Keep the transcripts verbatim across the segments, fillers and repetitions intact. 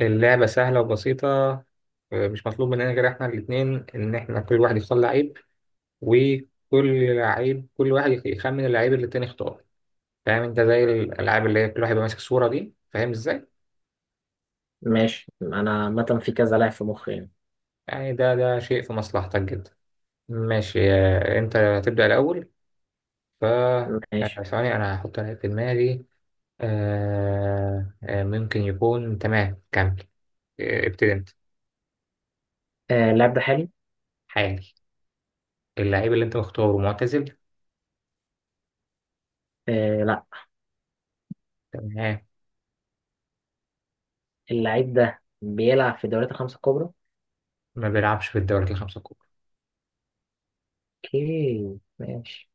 اللعبة سهلة وبسيطة. آه، مش مطلوب مننا غير احنا الاتنين ان احنا كل واحد يختار لعيب، وكل لعيب كل واحد يخ- يخمن اللعيب اللي التاني اختاره. فاهم انت زي الالعاب اللي هي كل واحد يبقى ماسك صورة؟ دي فاهم ازاي ماشي، انا عامه في كذا لاعب في مخي يعني. يعني. ده ده شيء في مصلحتك جدا. ماشي آه، انت هتبدأ الاول. ف آه، ماشي. ثواني انا هحط لعيب في دماغي. آه، آه، ممكن يكون، تمام كمل. آه، ابتدي انت. آه اللاعب ده حالي. حالي. اللعيب اللي انت مختاره معتزل؟ آه لا. تمام. اللاعب ده بيلعب في الدوريات الخمسة الكبرى. ما بيلعبش في الدوري الخمسة الكبرى. اوكي ماشي.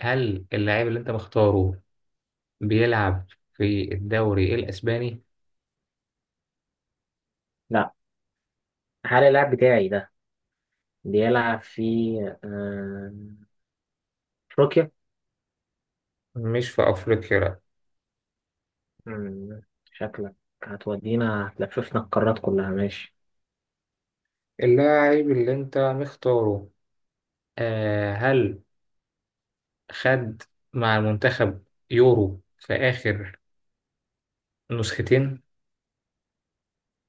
هل اللاعب اللي انت مختاره بيلعب في الدوري الاسباني؟ لا. هل اللاعب بتاعي ده بيلعب في آه، افريقيا؟ مش في افريقيا لا. مم، شكلك هتودينا، هتلففنا القارات كلها ماشي. اللاعب اللي انت مختاره، آه هل خد مع المنتخب يورو في اخر نسختين؟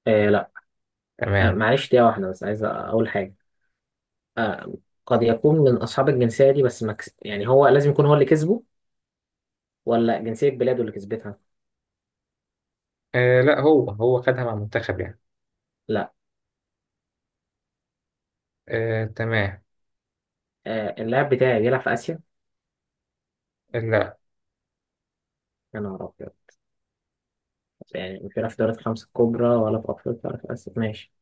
آه لا. آه تمام. معلش دقيقة واحدة، بس عايز اقول حاجة. آه قد يكون من اصحاب الجنسية دي بس مكس... يعني هو لازم يكون هو اللي كسبه، ولا جنسية بلاده اللي كسبتها. آه لا، هو هو خدها مع المنتخب يعني. لا. آه تمام. آه، اللاعب بتاعي بيلعب في آسيا. لا. يا نهار أبيض. يعني مش بيلعب في دوري الخمسة الكبرى، ولا في أفريقيا، ولا في آسيا ماشي.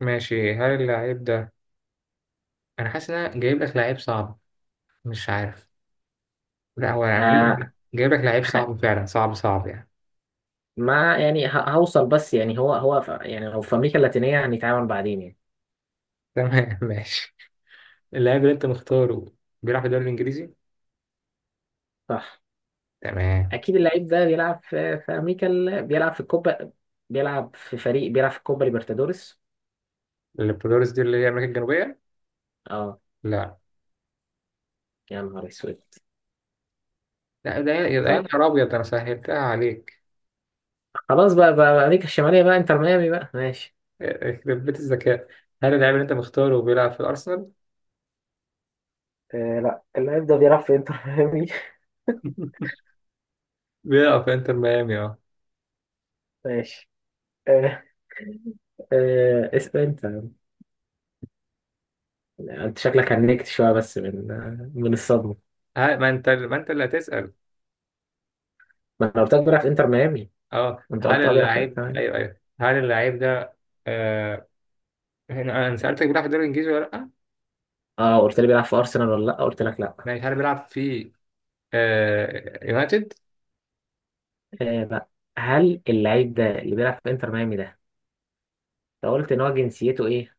ماشي، هل اللاعب ده، انا حاسس ان انا جايب لك لعيب صعب، مش عارف. لا هو انا ها. جايب جايب لك لعيب ها. صعب، فعلا صعب صعب يعني. ما يعني ه- هوصل، بس يعني هو هو في، يعني لو في أمريكا اللاتينية هنتعامل بعدين يعني. تمام. ماشي. اللاعب اللي انت مختاره بيلعب في الدوري الانجليزي؟ صح. تمام. أكيد اللعيب ده بيلعب في في أمريكا ال... بيلعب في الكوبا. بيلعب في فريق بيلعب في الكوبا ليبرتادوريس. البلوريس دي اللي هي امريكا الجنوبيه؟ أه. لا. يا نهار أسود. لا ده، يا يا طب نهار ابيض، ده انا سهلتها عليك. خلاص بقى, بقى, بقى أمريكا الشمالية بقى، إنتر ميامي بقى ماشي. يخرب بيت الذكاء. هل اللاعب اللي انت مختاره بيلعب في الارسنال؟ آه لا، اللاعب ده بيلعب في إنتر ميامي. بيلعب في انتر ميامي اه. ماشي. آه آه اسأل أنت. انت شكلك هنكت شويه بس من من الصدمه. هل- ما انت، ما انت اللي هتسال. ما انا قلت لك بيلعب في انتر ميامي. اه انت هل قلت اه بيلعب في اللاعب، انتر ميامي. ايوه ايوه، هل اللاعب ده، آه... هنا انا سالتك بيلعب في الدوري الانجليزي ولا لا. اه، قلت لي بيلعب في ارسنال ولا لا؟ قلت لك لا. ماشي هل بيلعب في آه... يونايتد؟ آه بقى، هل اللعيب ده اللي بيلعب في انتر ميامي ده انت قلت ان هو جنسيته ايه؟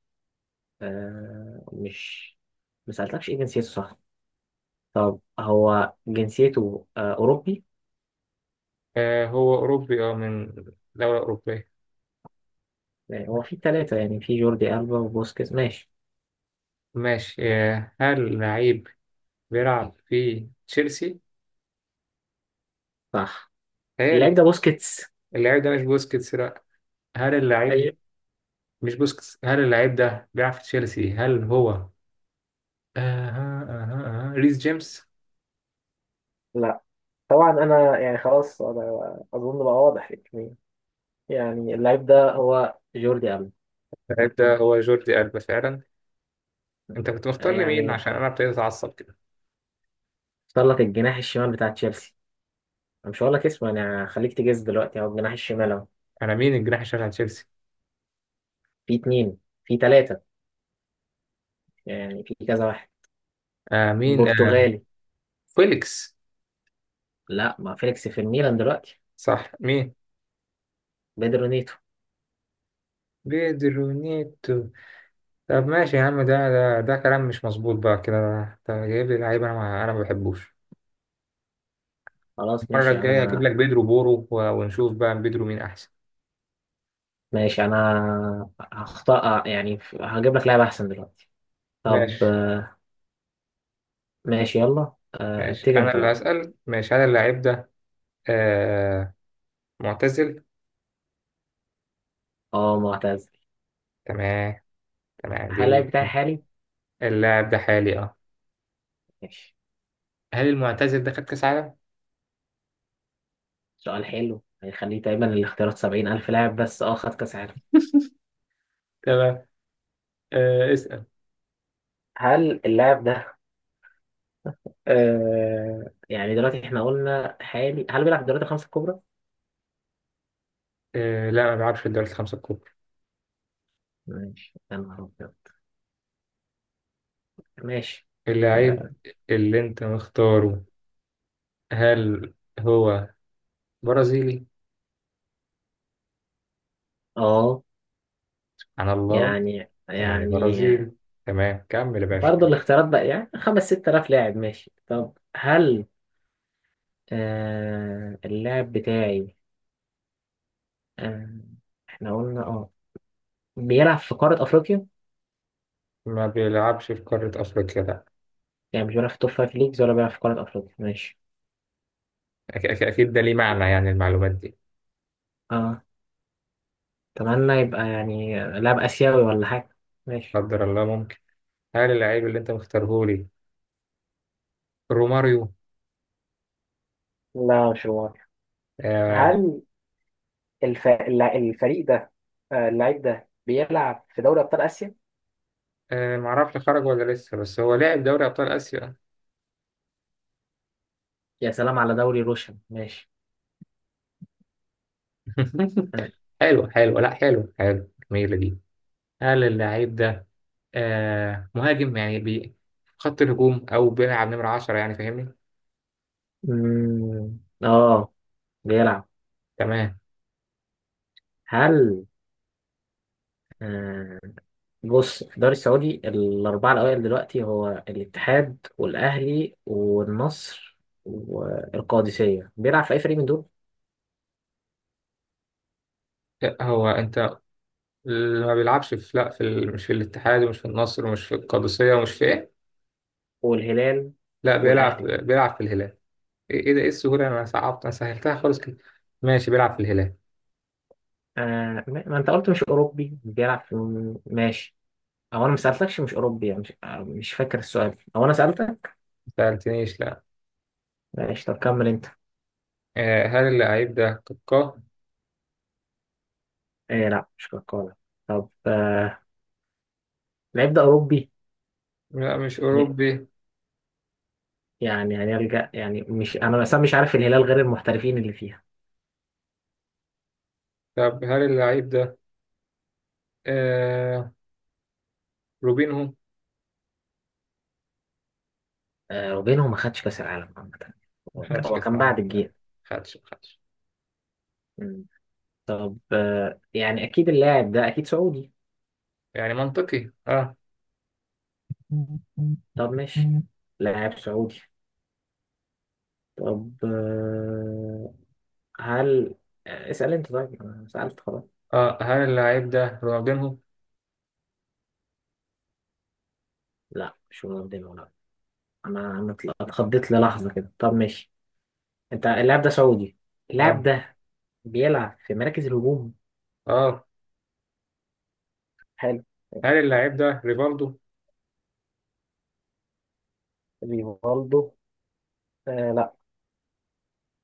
آه مش ما سالتكش ايه جنسيته، صح. طب هو جنسيته آه اوروبي. آه... هو اوروبي اه، من دوله اوروبيه. يعني هو في ثلاثه، يعني في جوردي البا وبوسكيتس ماشي. ماشي آه... هل اللاعب بيلعب في تشيلسي؟ صح. اللعيب هل ده بوسكيتس. اللاعب ده مش بوسكيتس؟ لا. هل اللاعب ده ايوه. مش بوسكيتس، هل اللاعب ده بيلعب في تشيلسي؟ هل هو آه آه آه آه، ريس جيمس؟ لا. طبعا انا يعني خلاص، انا اظن بقى واضح، يعني اللعيب ده هو جوردي ألبا. اللاعب ده هو جوردي ألبا فعلا. انت كنت مختار لي مين يعني عشان انا ابتديت اتعصب كده؟ اختار لك الجناح الشمال بتاع تشيلسي. أنا مش هقول لك اسمه، انا هخليك تجز دلوقتي. هو الجناح الشمال اهو. انا مين الجناح الشمال على تشيلسي؟ في اتنين، في تلاتة، يعني في كذا واحد. آه مين؟ آه برتغالي. فيليكس؟ لا، ما فيليكس في الميلان دلوقتي. صح، مين؟ بيدرو نيتو. بيدرو نيتو. طب ماشي يا عم، ده ده, ده كلام مش مظبوط بقى كده. انت جايب لي لعيب انا ما انا ما بحبوش. خلاص المرة ماشي يا الجاية هجيب عم. لك بيدرو بورو و- ونشوف بقى بيدرو مين أحسن. ماشي، انا هخطأ يعني هجيب لك لاعب احسن دلوقتي. طب ماشي. آه، ماشي يلا، آه، ماشي ابتدي أنا انت اللي بقى. هسأل. ماشي، هل اللاعب ده آه معتزل؟ اه، معتزل. تمام. تمام دي. هل اللعيب بتاعي حالي؟ اللاعب ده حالي أه. ماشي. هل المعتزل ده خد كأس عالم؟ سؤال حلو هيخليه دايما الاختيارات سبعين ألف لاعب بس. اه، خد كأس عالم. تمام. آه اسأل. هل اللاعب ده آه يعني دلوقتي احنا قلنا حالي، هل بيلعب في الدوريات الخمسة الكبرى؟ آه لا، ما بيلعبش في الدوري الخمسة الكبرى. ماشي، يا نهار أبيض. ماشي. اللاعب اه اللي أنت مختاره، هل هو برازيلي؟ آه، عن الله، يعني يعني يعني برازيلي. تمام كمل يا باشا. برضه الاختيارات بقى يعني خمس ست آلاف لاعب ماشي. طب هل آه اللاعب بتاعي آه احنا قلنا اه بيلعب في قارة أفريقيا؟ ما بيلعبش في قارة أفريقيا لا. يعني مش بيلعب في توب فايف ليجز، ولا بيلعب في قارة أفريقيا ماشي. أك- أك- أكيد ده ليه معنى يعني المعلومات دي. اه، اتمنى يبقى يعني لاعب اسيوي ولا حاجه ماشي. قدر الله ممكن. هل اللاعب اللي أنت مختاره روماريو؟ لا، مش هو. آه. هل الف... الل- الفريق ده آه، اللعيب ده بيلعب في دوري ابطال اسيا؟ آه معرفش خرج ولا لسه، بس هو لاعب دوري أبطال آسيا. يا سلام على دوري روشن ماشي. اه. حلو حلو، لا حلو حلو، جميلة دي. هل اللعيب ده آه مهاجم يعني بي خط الهجوم، أو بيلعب نمرة عشرة يعني، فاهمني؟ أمم، آه، بيلعب. تمام. هل آه بص، في الدوري السعودي الاربعه الاوائل دلوقتي هو الاتحاد والاهلي والنصر والقادسيه. بيلعب في اي فريق من دول؟ آه، هو أنت، ما بيلعبش في، لا في ال... مش في الاتحاد ومش في النصر ومش في القادسية ومش في إيه. والهلال؟ لا بيلعب، والاهلي؟ بيلعب في الهلال. إيه إيه ده، إيه السهولة؟ أنا صعبت، أنا سهلتها خالص كده. ماشي بيلعب في الهلال. آه ما ما انت قلت مش اوروبي بيلعب في. ماشي. او انا ما سالتكش مش اوروبي، يعني مش, آه، مش فاكر السؤال او انا سالتك. ما سألتنيش لا. ماشي، طب كمل انت. آه هل اللعيب ده كاكا؟ آه لا، مش كوكولا. طب آه لعيب ده اوروبي. لا مش أوروبي. يعني هنرجع، يعني مش انا مثلا مش عارف الهلال غير المحترفين اللي فيها. طب هل اللعيب ده آه روبينهو؟ آه وبينهم ما خدش كاس العالم عامه. ما هو ك- خدش هو كأس كان بعد العالم يعني؟ الجيل. ما خدش، ما خدش. مم. طب آه يعني اكيد اللاعب ده اكيد سعودي. يعني منطقي اه. طب ماشي، لاعب سعودي. طب آه هل اسأل انت طيب، انا سألت خلاص. اه هل اللعيب ده رونالدينهو؟ لا، مش مقدمة ولا. انا انا اتل- اتخضيت للحظة كده. طب ماشي، انت اللاعب ده سعودي، اللاعب اه ده بيلعب في مراكز الهجوم. اه حلو هل ماشي. اللعيب ده ريفالدو؟ ريفالدو؟ آه لا.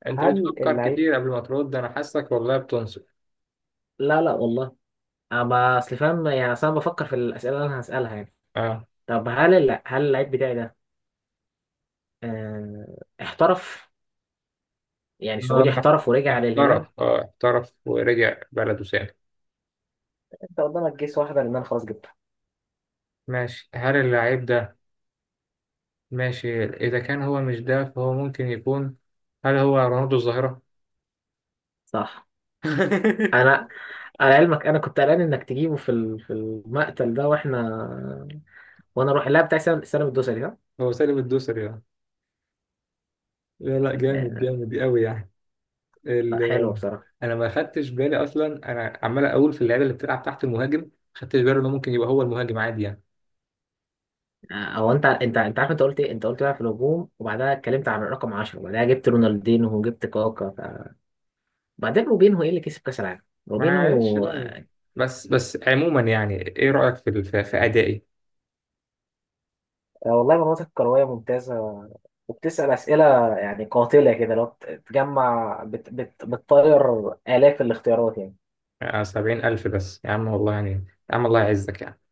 أنت هل بتفكر اللعيب كتير قبل ما ترد، أنا حاسك والله بتنصف. لا لا والله. انا ما- اصل فاهم، يعني اصل انا بفكر في الاسئلة اللي انا هسألها يعني. اه. طب هل الل- هل اللعيب بتاعي ده آه احترف، يعني آه، سعودي احترف ورجع للهلال. احترف اه، احترف ورجع بلده سالم. انت قدامك جيس واحدة لان انا خلاص جبتها. ماشي هل اللعيب ده، ماشي إذا كان هو مش ده فهو ممكن يكون، هل هو رونالدو الظاهرة؟ صح. انا على علمك انا كنت قلقان انك تجيبه في ال- في المقتل ده، واحنا وانا اروح اللاعب بتاع سلام سلام الدوسري ده. هو سالم الدوسري يعني؟ لا لا، جامد يعني جامد قوي يعني. لا، حلو ال... بصراحه. انا ما خدتش بالي اصلا. انا عمال اقول في اللعيبه اللي بتلعب تحت المهاجم، ما خدتش بالي انه ممكن يبقى هو المهاجم عادي يعني. او انت انت انت عارف انت قلت ايه، انت قلت بقى في الهجوم وبعدها اتكلمت عن الرقم عشرة وبعدها جبت رونالدينو وجبت كاكا ف... بعدين روبينهو ايه اللي كسب كاس العالم؟ معلش روبينهو. بقى. بس بس عموما يعني ايه رايك في ال- في في ادائي؟ آه، والله مناطق كرويه ممتازه، وبتسأل أسئلة يعني قاتلة كده، لو بت- بتجمع بت بت بتطير آلاف الاختيارات يعني. يعني سبعين الف بس يا عم والله يعني. يا عم الله يعزك.